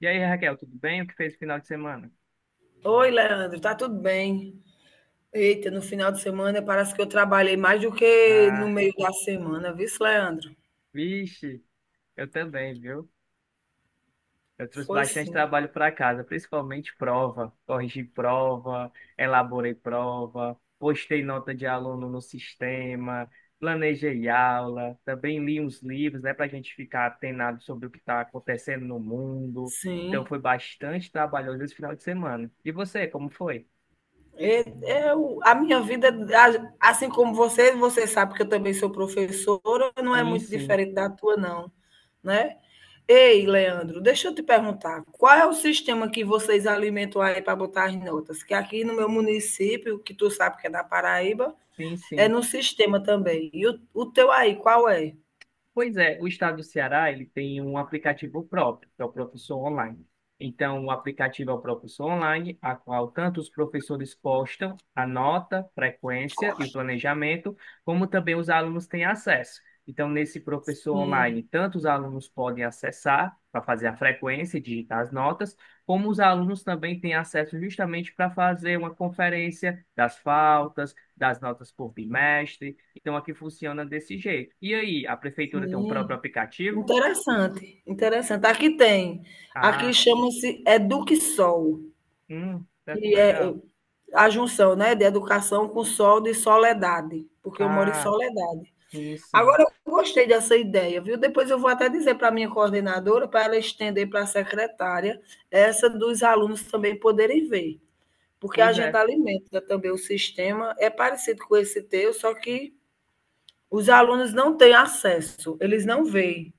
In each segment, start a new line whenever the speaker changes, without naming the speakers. E aí, Raquel, tudo bem? O que fez no final de semana?
Oi, Leandro, tá tudo bem? Eita, no final de semana parece que eu trabalhei mais do que no
Ah,
meio da semana, viu, Leandro?
vixe, eu também, viu? Eu trouxe
Foi
bastante
sim,
trabalho para casa, principalmente prova. Corrigi prova, elaborei prova, postei nota de aluno no sistema, planejei aula, também li uns livros, né, para a gente ficar atenado sobre o que está acontecendo no mundo. Então,
sim.
foi bastante trabalhoso esse final de semana. E você, como foi?
Eu, a minha vida, assim como você, você sabe que eu também sou professora, não é
Sim,
muito
sim,
diferente da tua, não, né? Ei, Leandro, deixa eu te perguntar, qual é o sistema que vocês alimentam aí para botar as notas? Que aqui no meu município, que tu sabe que é da Paraíba,
sim,
é
sim.
no sistema também. E o teu aí, qual é?
Pois é, o estado do Ceará, ele tem um aplicativo próprio, que é o Professor Online. Então, o aplicativo é o Professor Online, a qual tanto os professores postam a nota, frequência e o planejamento, como também os alunos têm acesso. Então, nesse Professor
Sim,
Online, tanto os alunos podem acessar para fazer a frequência e digitar as notas, como os alunos também têm acesso justamente para fazer uma conferência das faltas, das notas por bimestre, então aqui funciona desse jeito. E aí, a prefeitura tem um próprio
sim.
aplicativo?
Interessante, interessante. Aqui tem, aqui
Ah,
chama-se Eduquesol,
certo,
que é
legal.
a junção, né, de educação com sol de soledade, porque eu moro em
Ah,
Soledade.
sim,
Agora,
sim.
eu gostei dessa ideia, viu? Depois eu vou até dizer para a minha coordenadora, para ela estender para a secretária, essa dos alunos também poderem ver, porque a
Pois
gente
é.
alimenta também o sistema, é parecido com esse teu, só que os alunos não têm acesso, eles não veem.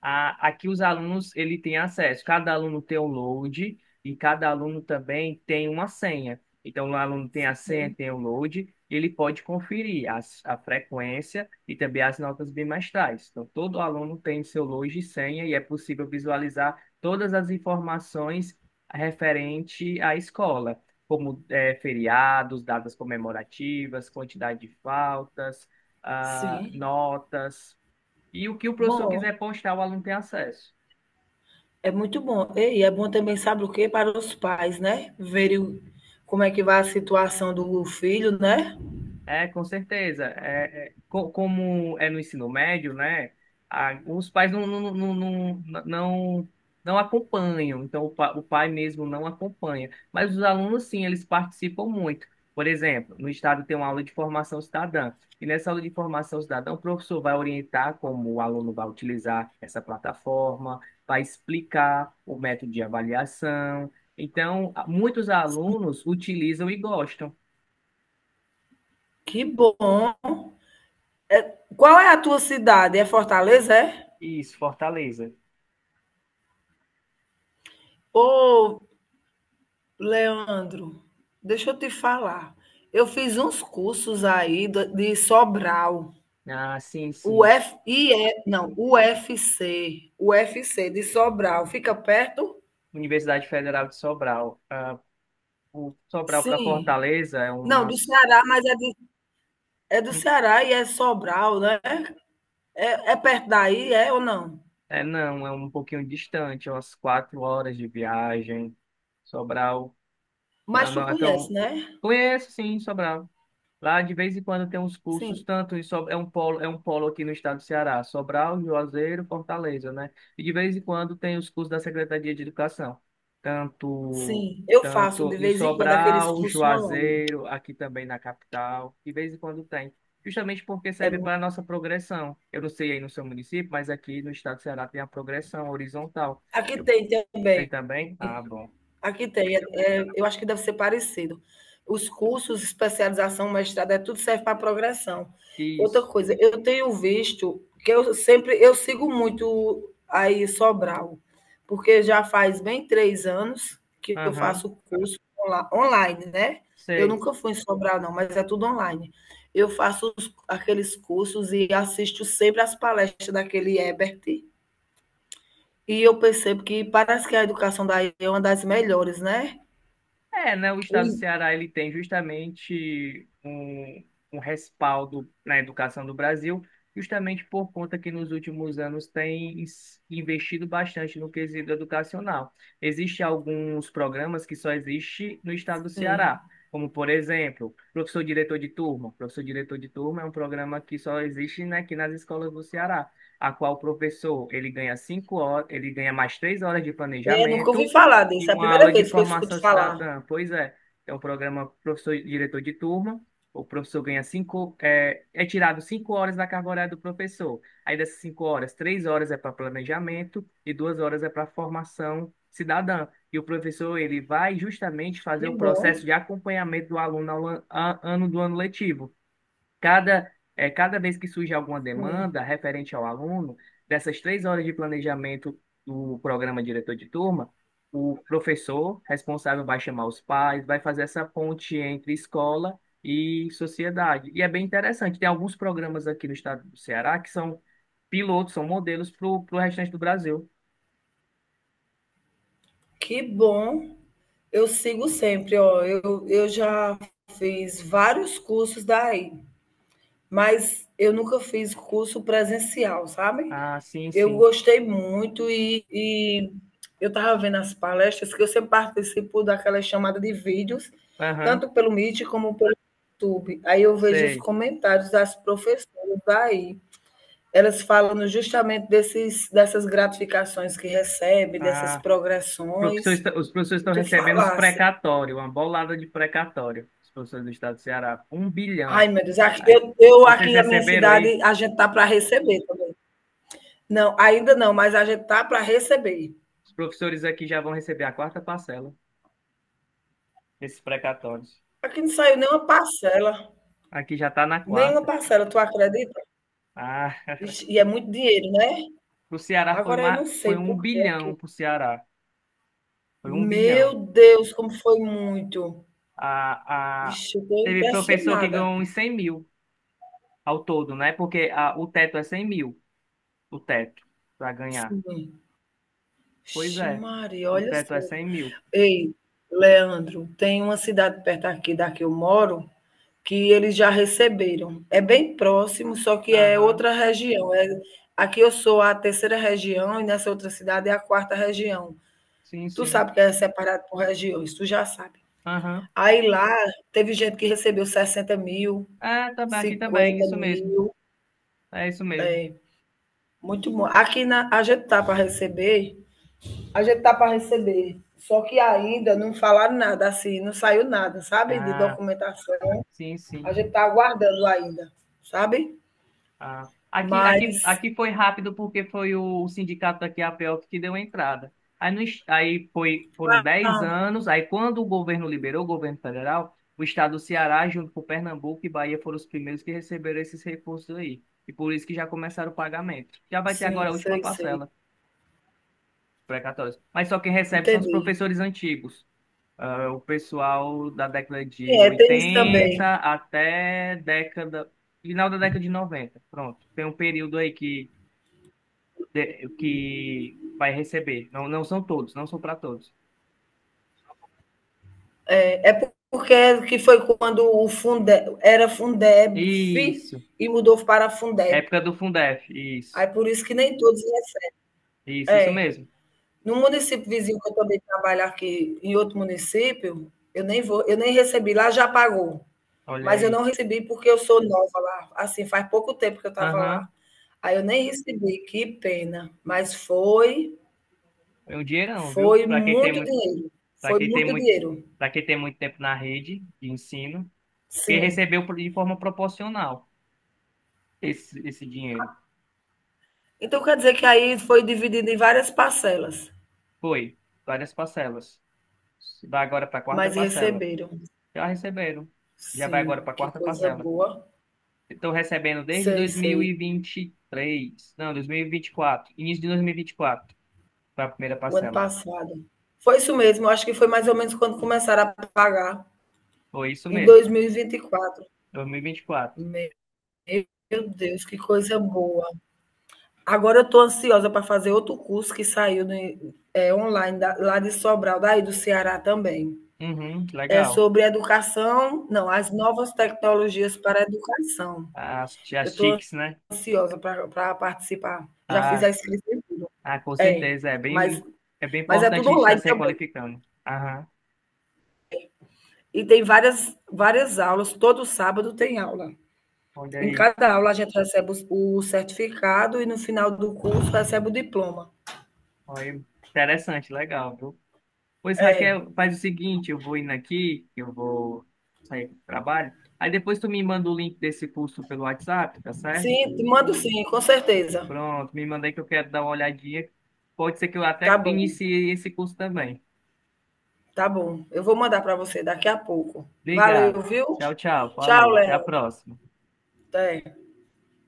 Aqui os alunos ele tem acesso. Cada aluno tem o load e cada aluno também tem uma senha. Então, o aluno tem a senha, tem o load, ele pode conferir a frequência e também as notas bimestrais. Então, todo aluno tem seu load e senha e é possível visualizar todas as informações referente à escola, como feriados, datas comemorativas, quantidade de faltas,
Sim.
notas. E o que o professor
Bom,
quiser postar, o aluno tem acesso.
é muito bom. E é bom também, sabe o quê? Para os pais, né? Verem como é que vai a situação do filho, né?
É, com certeza. É, como é no ensino médio, né? Os pais não acompanham, então o pai mesmo não acompanha. Mas os alunos, sim, eles participam muito. Por exemplo, no estado tem uma aula de formação cidadã, e nessa aula de formação cidadã, o professor vai orientar como o aluno vai utilizar essa plataforma, vai explicar o método de avaliação. Então, muitos alunos utilizam e gostam.
Que bom. Qual é a tua cidade? É Fortaleza, é?
Isso, Fortaleza.
Ô, Leandro, deixa eu te falar. Eu fiz uns cursos aí de Sobral.
Ah, sim,
O
sim.
F, I e não, U F C de Sobral. Fica perto?
Universidade Federal de Sobral. Ah, o Sobral para
Sim.
Fortaleza é
Não, do
umas.
Ceará, mas é, é do
Hum,
Ceará e é Sobral, né? É, é perto daí, é ou não?
é, não, é um pouquinho distante, é umas 4 horas de viagem. Sobral.
Mas
Não,
tu
não,
conhece,
então,
né?
conheço sim Sobral. Lá de vez em quando tem uns cursos,
Sim,
é um polo aqui no estado do Ceará, Sobral, Juazeiro, Fortaleza, né? E de vez em quando tem os cursos da Secretaria de Educação, tanto
sim. Eu faço
tanto
de
em
vez em quando aqueles
Sobral,
cursos online.
Juazeiro, aqui também na capital, de vez em quando tem. Justamente porque
É,
serve para a nossa progressão. Eu não sei aí no seu município, mas aqui no estado do Ceará tem a progressão horizontal.
aqui
Eu-
tem
Tem
também.
também? Ah, bom.
Aqui tem, é, é, eu acho que deve ser parecido. Os cursos, especialização, mestrado, é tudo serve para progressão. Outra
Isso.
coisa, eu tenho visto que eu sempre eu sigo muito aí Sobral, porque já faz bem 3 anos que eu
Aham.
faço curso online, né? Eu
Sei.
nunca fui em Sobral, não, mas é tudo online. Eu faço aqueles cursos e assisto sempre as palestras daquele Ebert. E eu percebo que parece que a educação daí é uma das melhores, né?
É, né, o estado do Ceará ele tem justamente um respaldo na educação do Brasil, justamente por conta que nos últimos anos tem investido bastante no quesito educacional. Existem alguns programas que só existem no estado do
Sim.
Ceará, como, por exemplo, professor diretor de turma. Professor diretor de turma é um programa que só existe, né, aqui nas escolas do Ceará, a qual o professor ele ganha 5 horas, ele ganha mais 3 horas de
É, nunca
planejamento
ouvi falar
e
disso, é a
uma
primeira
aula de
vez que eu
formação
escuto falar.
cidadã. Pois é, é um programa professor e diretor de turma. O professor ganha é tirado 5 horas da carga horária do professor. Aí dessas 5 horas, 3 horas é para planejamento e 2 horas é para formação cidadã. E o professor ele vai justamente fazer
Que
o
bom,
processo de acompanhamento do aluno ao ano do ano letivo. Cada vez que surge alguma
sim,
demanda referente ao aluno, dessas 3 horas de planejamento do programa diretor de turma, o professor responsável vai chamar os pais, vai fazer essa ponte entre escola e sociedade. E é bem interessante. Tem alguns programas aqui no estado do Ceará que são pilotos, são modelos para o restante do Brasil.
que bom. Eu sigo sempre, ó, eu já fiz vários cursos daí, mas eu nunca fiz curso presencial, sabe?
Ah, sim,
Eu
sim.
gostei muito e eu estava vendo as palestras que eu sempre participo daquela chamada de vídeos,
Aham,
tanto pelo Meet como pelo YouTube. Aí eu vejo os
sei.
comentários das professoras daí. Elas falam justamente dessas gratificações que recebe, dessas
Ah,
progressões,
os professores
e
estão
tu
recebendo os
falasse,
precatórios, uma bolada de precatório, os professores do estado do Ceará, um
ai
bilhão.
meu Deus,
Aí,
eu
vocês
aqui na minha
receberam aí?
cidade, a gente tá para receber também. Não, ainda não, mas a gente tá para receber.
Os professores aqui já vão receber a quarta parcela desses precatórios.
Aqui não saiu
Aqui já está na
nenhuma
quarta.
parcela, tu acredita?
Ah,
Vixe, e é muito dinheiro, né?
o Ceará
Agora eu não
foi
sei
um
por
bilhão
quê.
para o Ceará. Foi 1 bilhão.
Meu Deus, como foi muito.
A
Vixe, eu estou
Teve professor que
impressionada.
ganhou uns 100 mil ao todo, né? Porque o teto é 100 mil, o teto, para ganhar.
Sim.
Pois
Vixe,
é,
Maria,
o
olha
teto
só.
é 100 mil.
Ei, Leandro, tem uma cidade perto aqui da que eu moro, que eles já receberam. É bem próximo, só que é
Aham.
outra região. É, aqui eu sou a terceira região e nessa outra cidade é a quarta região.
Sim,
Tu
sim.
sabe que é separado por regiões, tu já sabe.
Aham.
Aí lá teve gente que recebeu 60 mil,
Ah, tá bem, aqui também,
50
isso mesmo.
mil.
É isso mesmo.
É, muito bom. Aqui na, a gente tá para receber. A gente tá para receber. Só que ainda não falaram nada, assim, não saiu nada, sabe? De
Ah,
documentação.
sim,
A
sim.
gente tá aguardando ainda, sabe?
Ah. Aqui, aqui,
Mas.
aqui foi rápido porque foi o sindicato daqui a Pelp que deu a entrada. Aí, no, es- aí foram 10
Ah,
anos, aí quando o governo liberou, o governo federal, o estado do Ceará, junto com Pernambuco e Bahia, foram os primeiros que receberam esses recursos aí. E por isso que já começaram o pagamento. Já vai ter
sim,
agora a última
sei, sei.
parcela, precatórios. Mas só quem recebe são os
Entendi.
professores antigos. Ah, o pessoal da década de
É, tem isso também.
80 até final da década de 90. Pronto. Tem um período aí que vai receber. Não, não são todos, não são para todos.
É, é porque é que foi quando o Fundeb era Fundeb
Isso.
e mudou para Fundeb.
Época do Fundef. Isso.
Aí por isso que nem todos recebem.
Isso
É.
mesmo.
No município vizinho que eu também trabalho aqui, em outro município, eu nem vou, eu nem recebi, lá já pagou.
Olha
Mas eu
aí.
não recebi porque eu sou nova lá, assim, faz pouco tempo que eu estava
Aham.
lá. Aí eu nem recebi, que pena, mas foi,
É um dinheirão, viu?
foi muito dinheiro.
Para
Foi
quem tem
muito
muito,
dinheiro.
para quem tem muito tempo na rede de ensino, que
Sim.
recebeu de forma proporcional esse dinheiro.
Então quer dizer que aí foi dividido em várias parcelas,
Foi. Várias parcelas. Vai agora para a quarta
mas
parcela.
receberam.
Já receberam. Já vai agora
Sim,
para a
que
quarta
coisa
parcela.
boa.
Estão recebendo desde
Sei, sei.
2023. Não, 2024. Início de 2024 para a primeira
O ano
parcela.
passado. Foi isso mesmo, acho que foi mais ou menos quando começaram a pagar,
Foi isso
em
mesmo.
2024.
2024.
Meu Deus, que coisa boa. Agora eu estou ansiosa para fazer outro curso que saiu é, online, lá de Sobral, daí do Ceará também.
Uhum, que
É
legal.
sobre educação, não, as novas tecnologias para a educação.
As,
Eu
as
estou
TICs, né?
ansiosa para participar. Já fiz
Ah,
a inscrição.
ah, com
É,
certeza. É bem,
mas,
é bem
mas é
importante
tudo
a gente estar
online
se
também.
requalificando. Aham,
E tem várias, várias aulas, todo sábado tem aula.
olha
Em
aí.
cada aula a gente recebe o certificado e no final do curso recebe o diploma.
Olha aí. Interessante, legal, viu? Pois,
É.
Raquel, faz o seguinte, eu vou indo aqui, eu vou sair do trabalho. Aí depois tu me manda o link desse curso pelo WhatsApp, tá certo?
Sim, te mando sim, com certeza.
Pronto, me manda aí que eu quero dar uma olhadinha. Pode ser que eu
Tá
até
bom,
inicie esse curso também.
tá bom. Eu vou mandar para você daqui a pouco.
Obrigado.
Valeu, viu?
Tchau, tchau.
Tchau,
Falou.
Léo.
Até a próxima.
Até.